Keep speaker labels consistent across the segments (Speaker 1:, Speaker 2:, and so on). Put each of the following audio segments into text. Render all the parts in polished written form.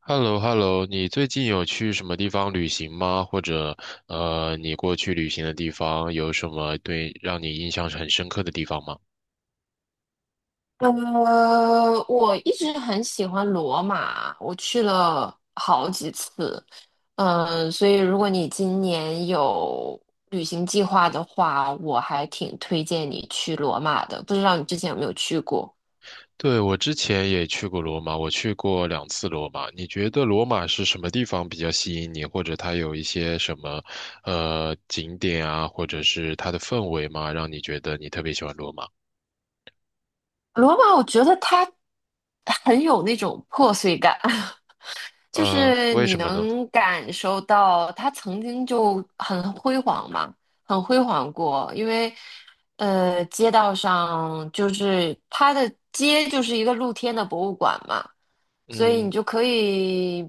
Speaker 1: h e l l o h e l l o 你最近有去什么地方旅行吗？或者，你过去旅行的地方有什么对让你印象很深刻的地方吗？
Speaker 2: 我一直很喜欢罗马，我去了好几次。嗯，所以如果你今年有旅行计划的话，我还挺推荐你去罗马的。不知道你之前有没有去过
Speaker 1: 对，我之前也去过罗马，我去过两次罗马。你觉得罗马是什么地方比较吸引你，或者它有一些什么，景点啊，或者是它的氛围吗，让你觉得你特别喜欢罗马？
Speaker 2: 罗马？我觉得它很有那种破碎感。就
Speaker 1: 呃，
Speaker 2: 是
Speaker 1: 为
Speaker 2: 你
Speaker 1: 什么呢？
Speaker 2: 能感受到它曾经就很辉煌嘛，很辉煌过，因为街道上就是它的街就是一个露天的博物馆嘛，所以你
Speaker 1: 嗯，
Speaker 2: 就可以，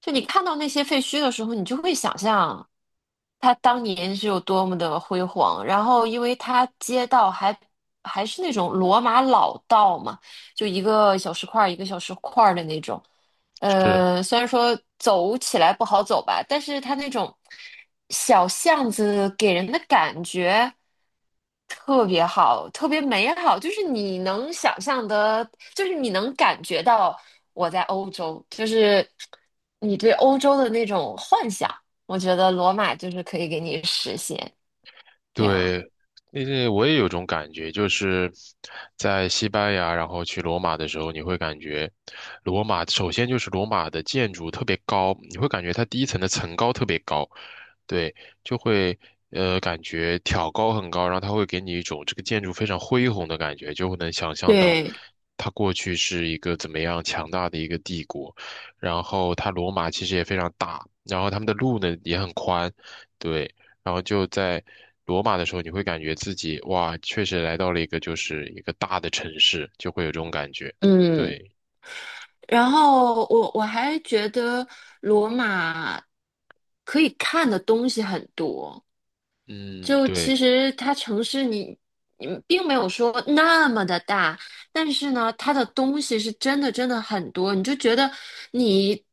Speaker 2: 就你看到那些废墟的时候，你就会想象它当年是有多么的辉煌。然后，因为它街道还是那种罗马老道嘛，就一个小石块儿一个小石块儿的那种。
Speaker 1: 是。
Speaker 2: 虽然说走起来不好走吧，但是它那种小巷子给人的感觉特别好，特别美好，就是你能想象的，就是你能感觉到我在欧洲，就是你对欧洲的那种幻想，我觉得罗马就是可以给你实现这样。
Speaker 1: 对，那为我也有种感觉，就是在西班牙，然后去罗马的时候，你会感觉罗马首先就是罗马的建筑特别高，你会感觉它第一层的层高特别高，对，就会感觉挑高很高，然后它会给你一种这个建筑非常恢宏的感觉，就会能想象到
Speaker 2: 对，
Speaker 1: 它过去是一个怎么样强大的一个帝国，然后它罗马其实也非常大，然后他们的路呢也很宽，对，然后就在罗马的时候，你会感觉自己哇，确实来到了一个就是一个大的城市，就会有这种感觉，
Speaker 2: 嗯
Speaker 1: 对，
Speaker 2: 然后我还觉得罗马可以看的东西很多，
Speaker 1: 嗯，
Speaker 2: 就其
Speaker 1: 对。
Speaker 2: 实它城市你并没有说那么的大，但是呢，它的东西是真的真的很多，你就觉得你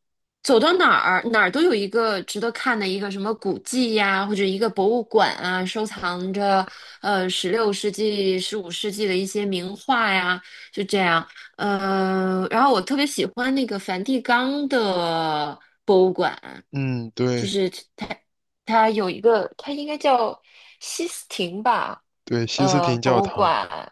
Speaker 2: 走到哪儿哪儿都有一个值得看的一个什么古迹呀，或者一个博物馆啊，收藏着16世纪、15世纪的一些名画呀，就这样。然后我特别喜欢那个梵蒂冈的博物馆。
Speaker 1: 嗯，
Speaker 2: 就
Speaker 1: 对
Speaker 2: 是它它有一个，它应该叫西斯廷吧，
Speaker 1: 对，西斯廷教
Speaker 2: 博物
Speaker 1: 堂。
Speaker 2: 馆，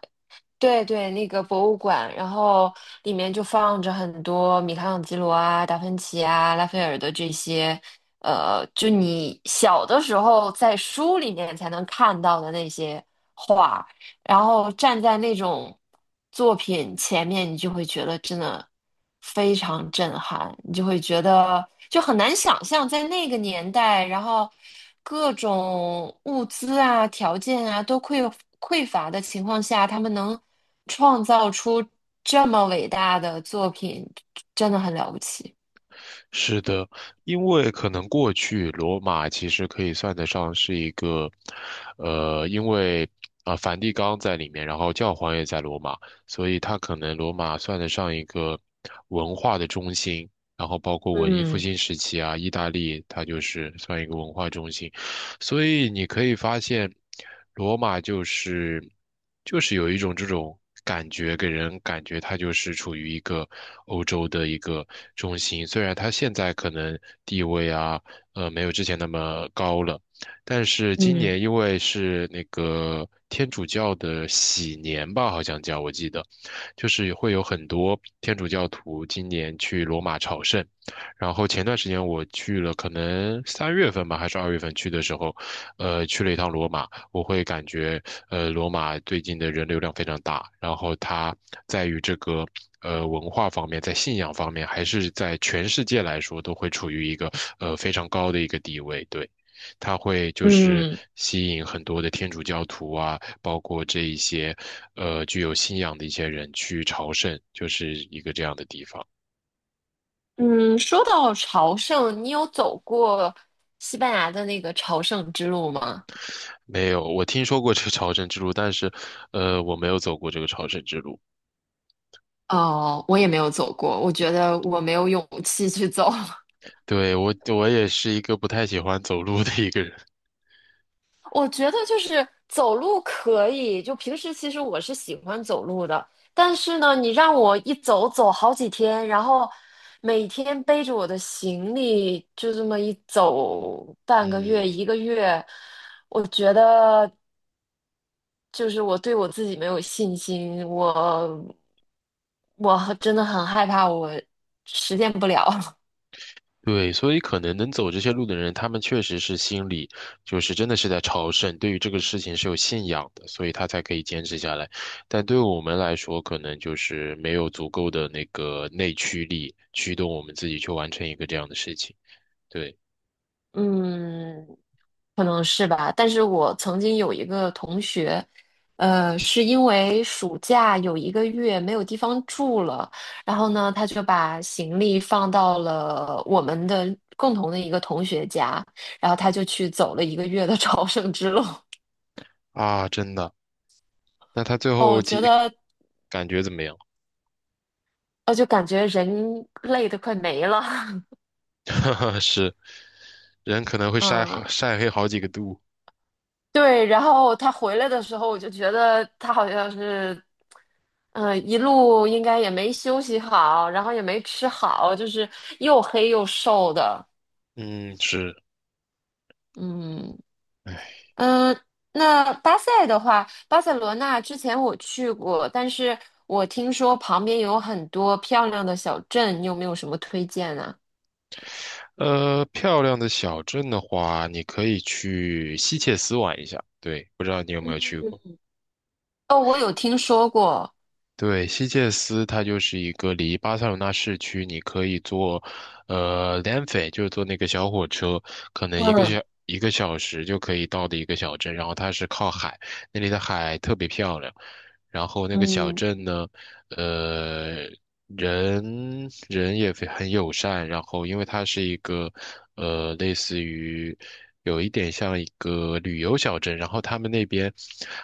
Speaker 2: 对对，那个博物馆，然后里面就放着很多米开朗基罗啊、达芬奇啊、拉斐尔的这些，就你小的时候在书里面才能看到的那些画。然后站在那种作品前面，你就会觉得真的非常震撼，你就会觉得就很难想象在那个年代，然后各种物资啊、条件啊都匮乏的情况下，他们能创造出这么伟大的作品，真的很了不起。
Speaker 1: 是的，因为可能过去罗马其实可以算得上是一个，因为啊、梵蒂冈在里面，然后教皇也在罗马，所以它可能罗马算得上一个文化的中心，然后包括文艺复
Speaker 2: 嗯
Speaker 1: 兴时期啊，意大利它就是算一个文化中心。所以你可以发现，罗马就是有一种这种感觉，给人感觉它就是处于一个欧洲的一个中心。虽然它现在可能地位啊，没有之前那么高了，但是今
Speaker 2: 嗯
Speaker 1: 年因为是那个天主教的喜年吧，好像叫我记得，就是会有很多天主教徒今年去罗马朝圣。然后前段时间我去了，可能三月份吧，还是二月份去的时候，去了一趟罗马，我会感觉，罗马最近的人流量非常大，然后它在于这个。文化方面，在信仰方面，还是在全世界来说，都会处于一个非常高的一个地位。对，它会就是
Speaker 2: 嗯，
Speaker 1: 吸引很多的天主教徒啊，包括这一些具有信仰的一些人去朝圣，就是一个这样的地方。
Speaker 2: 嗯，说到朝圣，你有走过西班牙的那个朝圣之路吗？
Speaker 1: 没有，我听说过这个朝圣之路，但是，我没有走过这个朝圣之路。
Speaker 2: 哦，我也没有走过，我觉得我没有勇气去走。
Speaker 1: 对，我也是一个不太喜欢走路的一个人。
Speaker 2: 我觉得就是走路可以，就平时其实我是喜欢走路的，但是呢，你让我一走走好几天，然后每天背着我的行李就这么一走半个月
Speaker 1: 嗯，
Speaker 2: 一个月，我觉得就是我对我自己没有信心，我真的很害怕我实现不了。
Speaker 1: 对，所以可能能走这些路的人，他们确实是心里就是真的是在朝圣，对于这个事情是有信仰的，所以他才可以坚持下来。但对我们来说，可能就是没有足够的那个内驱力驱动我们自己去完成一个这样的事情。对，
Speaker 2: 嗯，可能是吧，但是我曾经有一个同学，是因为暑假有一个月没有地方住了，然后呢，他就把行李放到了我们的共同的一个同学家，然后他就去走了一个月的 朝圣之路。
Speaker 1: 啊，真的。那他最
Speaker 2: 哦，
Speaker 1: 后
Speaker 2: 我觉
Speaker 1: 几
Speaker 2: 得，
Speaker 1: 感觉怎么样？
Speaker 2: 我就感觉人累得快没了。
Speaker 1: 是，人可能 会晒好
Speaker 2: 嗯，
Speaker 1: 晒黑好几个度。
Speaker 2: 对，然后他回来的时候，我就觉得他好像是。一路应该也没休息好，然后也没吃好，就是又黑又瘦的。
Speaker 1: 嗯，是。
Speaker 2: 嗯
Speaker 1: 哎，
Speaker 2: 嗯，那巴塞的话，巴塞罗那之前我去过，但是我听说旁边有很多漂亮的小镇，你有没有什么推荐呢？
Speaker 1: 漂亮的小镇的话，你可以去西切斯玩一下。对，不知道你有没有去
Speaker 2: 嗯
Speaker 1: 过？
Speaker 2: 哦，我有听说过。
Speaker 1: 对，西切斯它就是一个离巴塞罗那市区，你可以坐，呃 l e n f e 就是坐那个小火车，可能
Speaker 2: 嗯
Speaker 1: 一个小时就可以到的一个小镇。然后它是靠海，那里的海特别漂亮，然后那个小
Speaker 2: 嗯，
Speaker 1: 镇呢，呃，人人也非很友善，然后因为它是一个，类似于有一点像一个旅游小镇，然后他们那边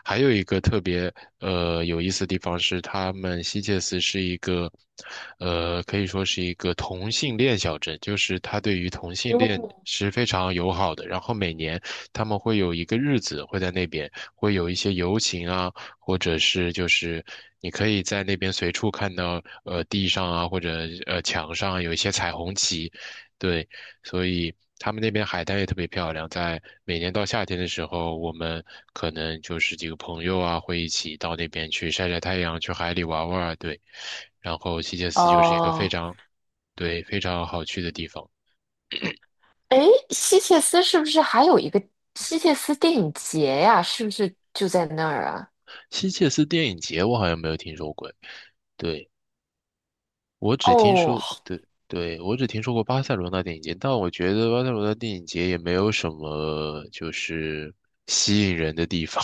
Speaker 1: 还有一个特别有意思的地方是，他们希切斯是一个，可以说是一个同性恋小镇，就是它对于同性恋
Speaker 2: 嗯，
Speaker 1: 是非常友好的，然后每年他们会有一个日子会在那边会有一些游行啊。或者是就是你可以在那边随处看到，地上啊或者墙上啊有一些彩虹旗，对，所以他们那边海滩也特别漂亮。在每年到夏天的时候，我们可能就是几个朋友啊会一起到那边去晒晒太阳，去海里玩玩儿，对。然后希切斯就是一个非
Speaker 2: 哦，
Speaker 1: 常，对，非常好去的地方。
Speaker 2: 哎，希切斯是不是还有一个希切斯电影节呀？是不是就在那儿啊？
Speaker 1: 希切斯电影节我好像没有听说过，对。我只听
Speaker 2: 哦，
Speaker 1: 说，对对，我只听说过巴塞罗那电影节，但我觉得巴塞罗那电影节也没有什么就是吸引人的地方。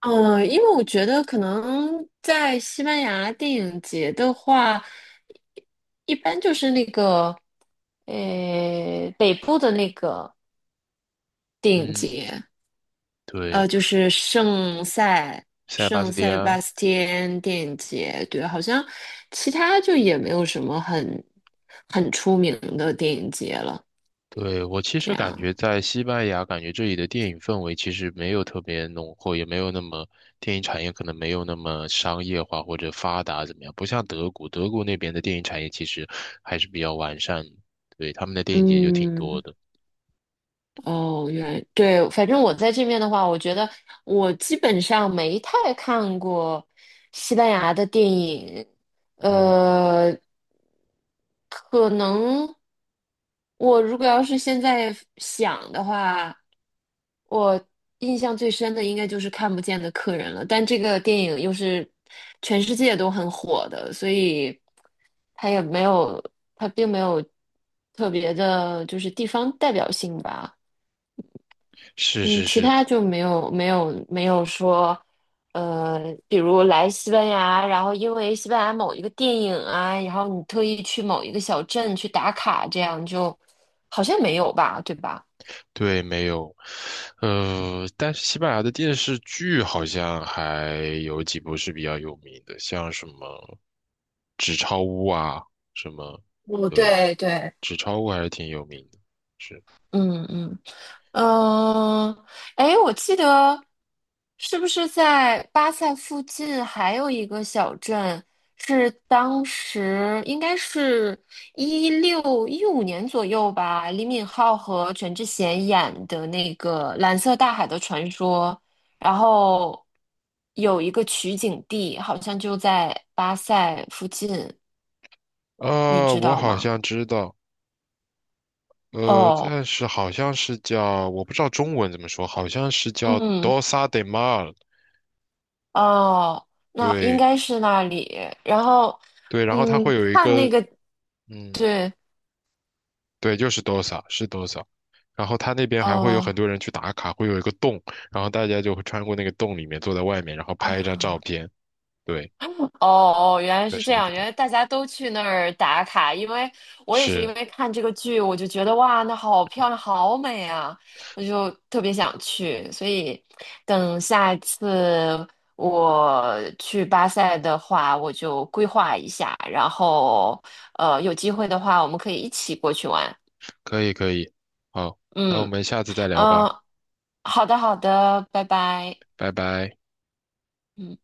Speaker 2: 嗯，因为我觉得可能在西班牙电影节的话，一般就是那个，北部的那个 电影
Speaker 1: 嗯，
Speaker 2: 节，
Speaker 1: 对，
Speaker 2: 就是圣塞
Speaker 1: 塞巴
Speaker 2: 圣
Speaker 1: 斯蒂
Speaker 2: 塞
Speaker 1: 安，
Speaker 2: 巴斯蒂安电影节，对，好像其他就也没有什么很出名的电影节了，
Speaker 1: 对，我其
Speaker 2: 这
Speaker 1: 实感
Speaker 2: 样，
Speaker 1: 觉在西班牙，感觉这里的电影氛围其实没有特别浓厚，也没有那么电影产业可能没有那么商业化或者发达怎么样，不像德国，德国那边的电影产业其实还是比较完善的，对，他们的电影节就挺多
Speaker 2: 嗯。
Speaker 1: 的。
Speaker 2: 哦，原来对，反正我在这边的话，我觉得我基本上没太看过西班牙的电影，
Speaker 1: 嗯，
Speaker 2: 呃，可能我如果要是现在想的话，我印象最深的应该就是《看不见的客人》了，但这个电影又是全世界都很火的，所以它也没有，它并没有特别的，就是地方代表性吧。
Speaker 1: 是
Speaker 2: 嗯，
Speaker 1: 是
Speaker 2: 其
Speaker 1: 是，
Speaker 2: 他就没有没有没有说，呃，比如来西班牙，然后因为西班牙某一个电影啊，然后你特意去某一个小镇去打卡，这样就好像没有吧，对吧？
Speaker 1: 对，没有，但是西班牙的电视剧好像还有几部是比较有名的，像什么《纸钞屋》啊，什么，
Speaker 2: 哦，
Speaker 1: 对，
Speaker 2: 对对，
Speaker 1: 《纸钞屋》还是挺有名的。是，
Speaker 2: 嗯嗯，呃，哎，我记得是不是在巴塞附近还有一个小镇，是当时应该是1615年左右吧，李敏镐和全智贤演的那个《蓝色大海的传说》，然后有一个取景地，好像就在巴塞附近，你知
Speaker 1: 我
Speaker 2: 道
Speaker 1: 好
Speaker 2: 吗？
Speaker 1: 像知道，
Speaker 2: 哦，
Speaker 1: 但是好像是叫，我不知道中文怎么说，好像是叫
Speaker 2: 嗯。
Speaker 1: 《Dosa de Mar》。
Speaker 2: 哦，那应
Speaker 1: 对
Speaker 2: 该是那里。然后，
Speaker 1: 对，然后它
Speaker 2: 嗯，
Speaker 1: 会有一
Speaker 2: 看那
Speaker 1: 个，
Speaker 2: 个，
Speaker 1: 嗯，
Speaker 2: 对，
Speaker 1: 对，就是多少是多少，然后他那边还会有
Speaker 2: 哦，
Speaker 1: 很多人去打卡，会有一个洞，然后大家就会穿过那个洞里面，坐在外面，然后拍一张照
Speaker 2: 哦
Speaker 1: 片。对，
Speaker 2: 哦，原来
Speaker 1: 就
Speaker 2: 是
Speaker 1: 是
Speaker 2: 这
Speaker 1: 那个
Speaker 2: 样，
Speaker 1: 地
Speaker 2: 原来
Speaker 1: 方。
Speaker 2: 大家都去那儿打卡，因为我也是
Speaker 1: 是，
Speaker 2: 因为看这个剧，我就觉得哇，那好漂亮，好美啊，我就特别想去，所以等下一次我去巴塞的话，我就规划一下，然后有机会的话，我们可以一起过去玩，
Speaker 1: 可以，可以。好，那我
Speaker 2: 嗯。
Speaker 1: 们下次再聊吧，
Speaker 2: 嗯，好的，好的，拜拜。
Speaker 1: 拜拜。
Speaker 2: 嗯。